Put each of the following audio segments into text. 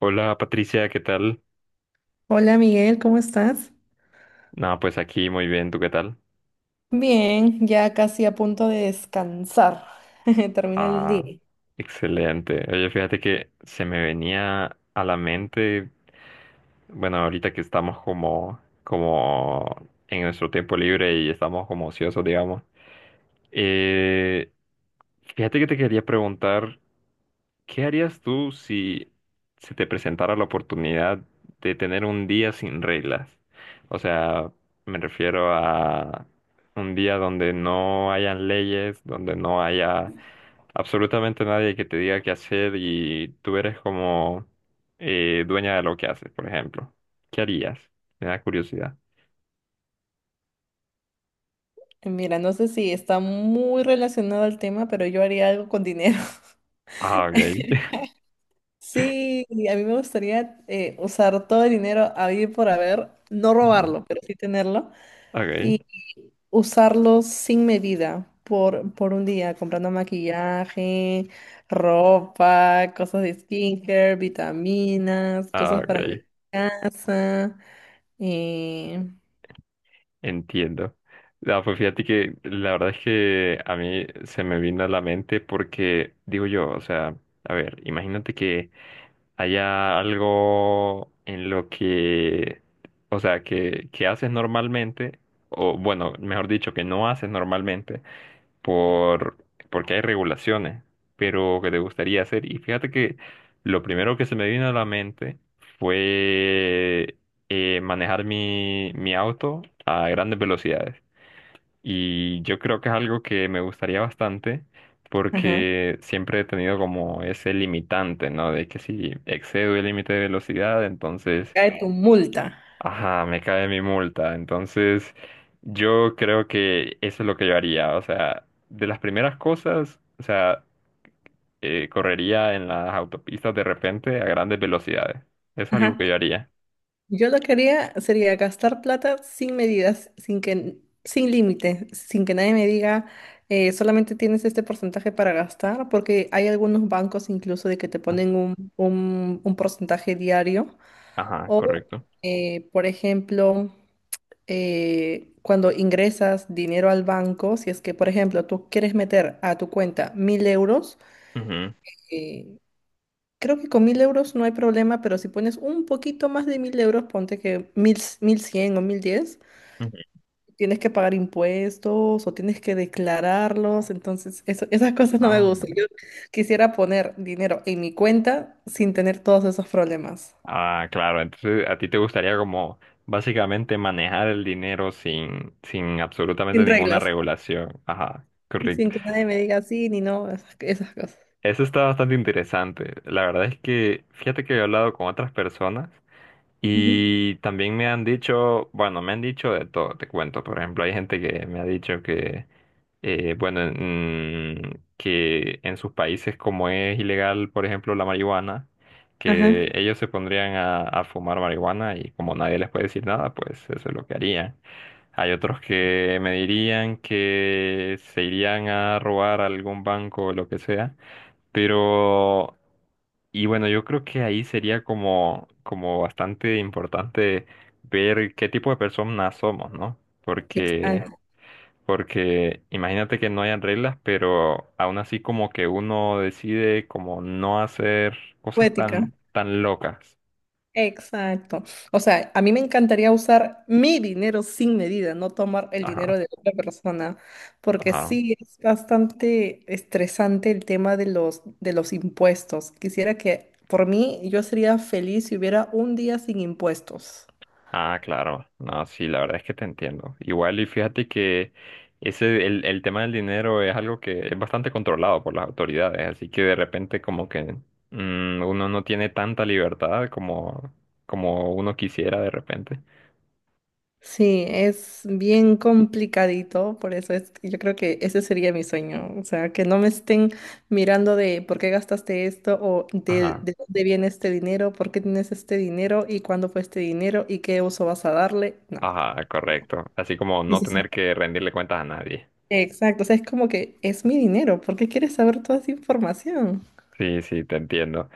Hola Patricia, ¿qué tal? Hola Miguel, ¿cómo estás? No, pues aquí muy bien, ¿tú qué tal? Bien, ya casi a punto de descansar. Termino el Ah, día. excelente. Oye, fíjate que se me venía a la mente, bueno, ahorita que estamos como en nuestro tiempo libre y estamos como ociosos, digamos. Eh, fíjate que te quería preguntar. ¿Qué harías tú si se te presentara la oportunidad de tener un día sin reglas? O sea, me refiero a un día donde no hayan leyes, donde no haya absolutamente nadie que te diga qué hacer y tú eres como dueña de lo que haces, por ejemplo. ¿Qué harías? Me da curiosidad. Mira, no sé si está muy relacionado al tema, pero yo haría algo con dinero. Ah, ok. Sí, y a mí me gustaría usar todo el dinero habido y por haber, no Ajá. robarlo, pero sí tenerlo, Ok. y usarlo sin medida por un día, comprando maquillaje, ropa, cosas de skincare, vitaminas, Ah, cosas para la ok. casa. eh, Entiendo. No, pues fíjate que la verdad es que a mí se me vino a la mente porque digo yo, o sea, a ver, imagínate que haya algo en lo que, o sea, que haces normalmente, o bueno, mejor dicho, que no haces normalmente, por, porque hay regulaciones, pero que te gustaría hacer. Y fíjate que lo primero que se me vino a la mente fue manejar mi auto a grandes velocidades. Y yo creo que es algo que me gustaría bastante ajá, porque siempre he tenido como ese limitante, ¿no? De que si excedo el límite de velocidad, entonces. cae tu multa. Ajá, me cae mi multa. Entonces, yo creo que eso es lo que yo haría. O sea, de las primeras cosas, o sea, correría en las autopistas de repente a grandes velocidades. Eso es algo Ajá. que yo haría. Yo lo que haría sería gastar plata sin medidas, sin límite, sin que nadie me diga, solamente tienes este porcentaje para gastar, porque hay algunos bancos incluso de que te ponen un porcentaje diario. Ajá, O, correcto. Por ejemplo, cuando ingresas dinero al banco, si es que, por ejemplo, tú quieres meter a tu cuenta 1.000 euros. Ujú, eh, Creo que con 1.000 euros no hay problema, pero si pones un poquito más de 1.000 euros, ponte que 1.100 o 1.010, ujú. tienes que pagar impuestos o tienes que declararlos. Entonces, esas cosas no me Ah, gustan. Yo quisiera poner dinero en mi cuenta sin tener todos esos problemas, ah, claro. Entonces, a ti te gustaría como básicamente manejar el dinero sin absolutamente sin ninguna reglas regulación. Ajá, y correcto. sin que nadie me diga sí ni no, esas, esas cosas. Eso está bastante interesante. La verdad es que, fíjate que he hablado con otras personas. Ujú. Y también me han dicho, bueno, me han dicho de todo, te cuento. Por ejemplo, hay gente que me ha dicho que, bueno, que en sus países como es ilegal, por ejemplo, la marihuana, Ajá, que ellos se pondrían a fumar marihuana y como nadie les puede decir nada, pues eso es lo que harían. Hay otros que me dirían que se irían a robar a algún banco o lo que sea pero, y bueno, yo creo que ahí sería como, bastante importante ver qué tipo de personas somos, ¿no? Porque, exacto. porque imagínate que no hayan reglas, pero aún así como que uno decide como no hacer cosas Poética. tan locas. Exacto. O sea, a mí me encantaría usar mi dinero sin medida, no tomar el Ajá, dinero de otra persona, porque ajá. sí es bastante estresante el tema de los impuestos. Quisiera que, por mí, yo sería feliz si hubiera un día sin impuestos. Ah, claro. No, sí, la verdad es que te entiendo. Igual, y fíjate que el tema del dinero es algo que es bastante controlado por las autoridades, así que de repente como que uno no tiene tanta libertad como uno quisiera de repente. Sí, es bien complicadito, por eso es, yo creo que ese sería mi sueño, o sea, que no me estén mirando de por qué gastaste esto o de, Ajá. de dónde viene este dinero, por qué tienes este dinero y cuándo fue este dinero y qué uso vas a darle, no. Ajá, correcto. Así como Sí, no sí, sí. tener que rendirle cuentas a nadie. Exacto, o sea, es como que es mi dinero, ¿por qué quieres saber toda esa información? Sí, sí, te entiendo.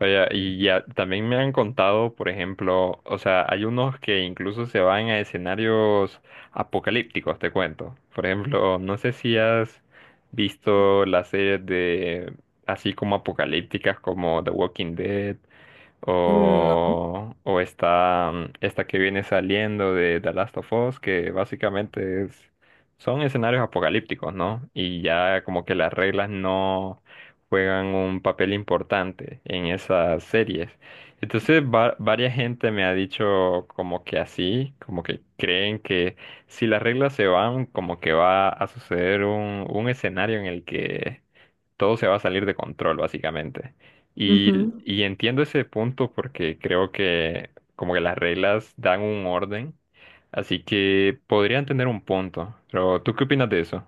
Oye, y ya también me han contado, por ejemplo, o sea, hay unos que incluso se van a escenarios apocalípticos, te cuento. Por ejemplo, no sé si has visto las series de así como apocalípticas como The Walking Dead Mm, no. o está esta que viene saliendo de The Last of Us, que básicamente son escenarios apocalípticos, ¿no? Y ya como que las reglas no juegan un papel importante en esas series. Entonces, varias gente me ha dicho como que así, como que creen que si las reglas se van, como que va a suceder un escenario en el que todo se va a salir de control, básicamente. Y, Ujú. y entiendo ese punto porque creo que como que las reglas dan un orden, así que podrían tener un punto. Pero ¿tú qué opinas de eso?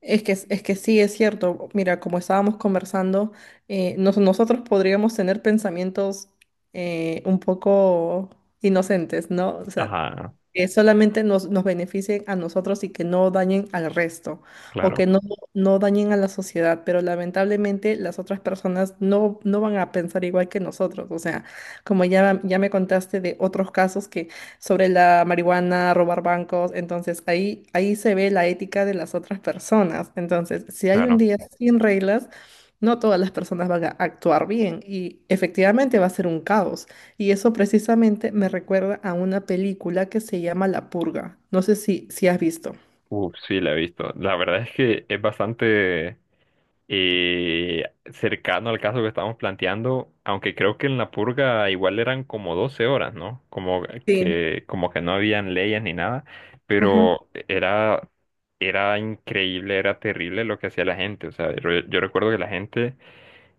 Es que sí, es cierto. Mira, como estábamos conversando, nosotros podríamos tener pensamientos un poco inocentes, ¿no? O sea, Ajá, que solamente nos beneficien a nosotros y que no dañen al resto o que claro, no, no dañen a la sociedad, pero lamentablemente las otras personas no, no van a pensar igual que nosotros. O sea, como ya me contaste de otros casos sobre la marihuana, robar bancos. Entonces ahí se ve la ética de las otras personas. Entonces, si hay un claro. día sin reglas, no todas las personas van a actuar bien y efectivamente va a ser un caos. Y eso precisamente me recuerda a una película que se llama La Purga. No sé si has visto. Uf, sí, la he visto. La verdad es que es bastante eh, cercano al caso que estamos planteando, aunque creo que en la purga igual eran como 12 horas, ¿no? Como Sí. que, como que no habían leyes ni nada, Ajá, pero era, increíble, era terrible lo que hacía la gente. O sea, yo recuerdo que la gente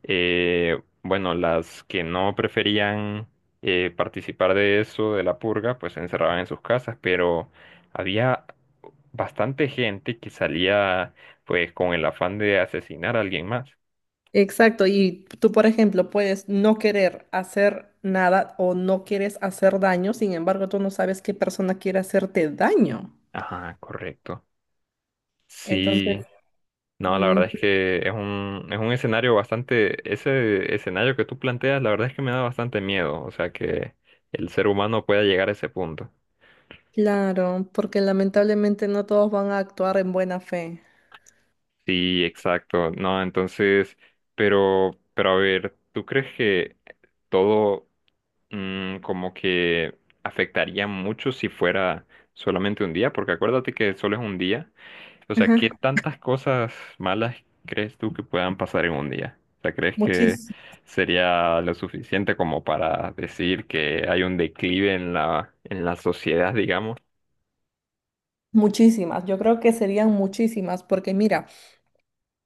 bueno, las que no preferían participar de eso, de la purga, pues se encerraban en sus casas, pero había bastante gente que salía pues con el afán de asesinar a alguien más. exacto, y tú, por ejemplo, puedes no querer hacer nada o no quieres hacer daño, sin embargo, tú no sabes qué persona quiere hacerte daño. Ajá, correcto. Entonces, Sí, no, la mm, verdad es que es un escenario bastante, ese escenario que tú planteas, la verdad es que me da bastante miedo, o sea que el ser humano pueda llegar a ese punto. claro, porque lamentablemente no todos van a actuar en buena fe. Sí, exacto. No, entonces, pero a ver, ¿tú crees que todo como que afectaría mucho si fuera solamente un día? Porque acuérdate que solo es un día. O sea, ¿qué Ajá. tantas cosas malas crees tú que puedan pasar en un día? O sea, ¿crees que Muchis- sería lo suficiente como para decir que hay un declive en la sociedad, digamos? muchísimas, yo creo que serían muchísimas, porque mira,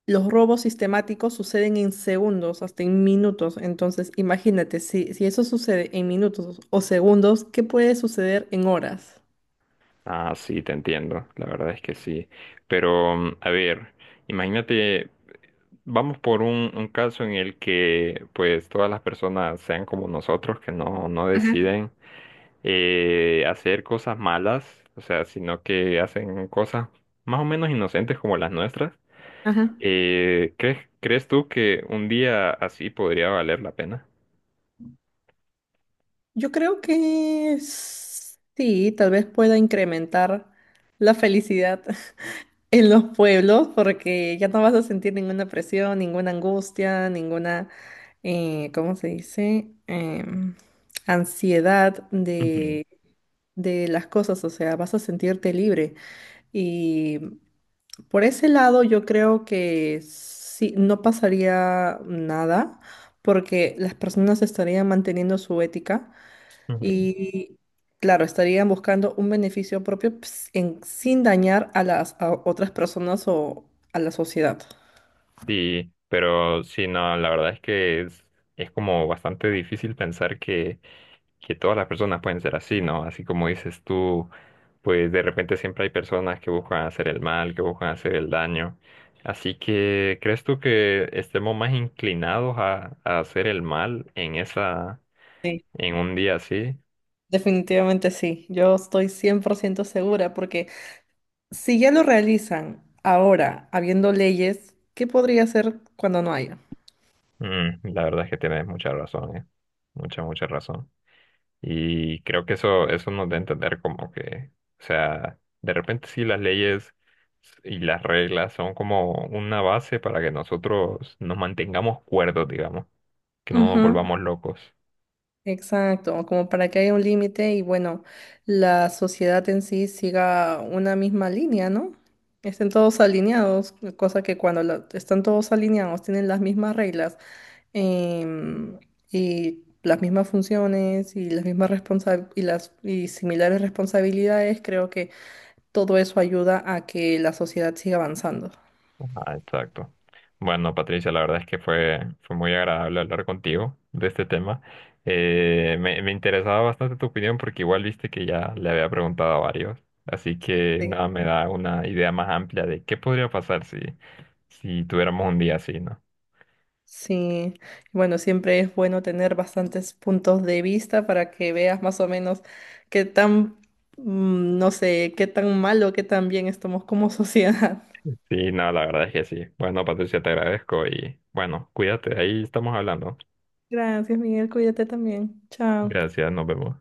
los robos sistemáticos suceden en segundos, hasta en minutos. Entonces, imagínate, si eso sucede en minutos o segundos, ¿qué puede suceder en horas? Ah, sí, te entiendo, la verdad es que sí. Pero, a ver, imagínate, vamos por un caso en el que pues todas las personas sean como nosotros, que no Ajá, deciden hacer cosas malas, o sea, sino que hacen cosas más o menos inocentes como las nuestras. ajá. ¿Crees tú que un día así podría valer la pena? Yo creo que sí, tal vez pueda incrementar la felicidad en los pueblos porque ya no vas a sentir ninguna presión, ninguna angustia, ninguna, ¿cómo se dice? Ansiedad Ujú, de las cosas, o sea, vas a sentirte libre. Y por ese lado yo creo que sí, no pasaría nada porque las personas estarían manteniendo su ética. ujú. Y claro, estarían buscando un beneficio propio ps, sin dañar a las a otras personas o a la sociedad. Sí, pero sí, no, la verdad es que es como bastante difícil pensar que todas las personas pueden ser así, ¿no? Así como dices tú, pues de repente siempre hay personas que buscan hacer el mal, que buscan hacer el daño. Así que, ¿crees tú que estemos más inclinados a hacer el mal en esa, Sí, en un día así? definitivamente sí. Yo estoy 100% segura porque si ya lo realizan ahora, habiendo leyes, ¿qué podría hacer cuando no haya? La verdad es que tienes mucha razón, ¿eh? Mucha, mucha razón. Y creo que eso nos da a entender como que, o sea, de repente sí las leyes y las reglas son como una base para que nosotros nos mantengamos cuerdos, digamos, que no nos Ujú. volvamos locos. Exacto, como para que haya un límite y bueno, la sociedad en sí siga una misma línea, ¿no? Estén todos alineados, cosa que cuando están todos alineados tienen las mismas reglas, em, y las mismas funciones y las mismas y similares responsabilidades, creo que todo eso ayuda a que la sociedad siga avanzando. Ah, exacto. Bueno, Patricia, la verdad es que fue muy agradable hablar contigo de este tema. Me interesaba bastante tu opinión porque igual viste que ya le había preguntado a varios. Así que Sí. nada, me da una idea más amplia de qué podría pasar si tuviéramos un día así, ¿no? Sí, bueno, siempre es bueno tener bastantes puntos de vista para que veas más o menos qué tan, no sé, qué tan malo, qué tan bien estamos como sociedad. Sí, no, la verdad es que sí. Bueno, Patricia, te agradezco y bueno, cuídate, ahí estamos hablando. Gracias, Miguel, cuídate también. Chao. Gracias, nos vemos.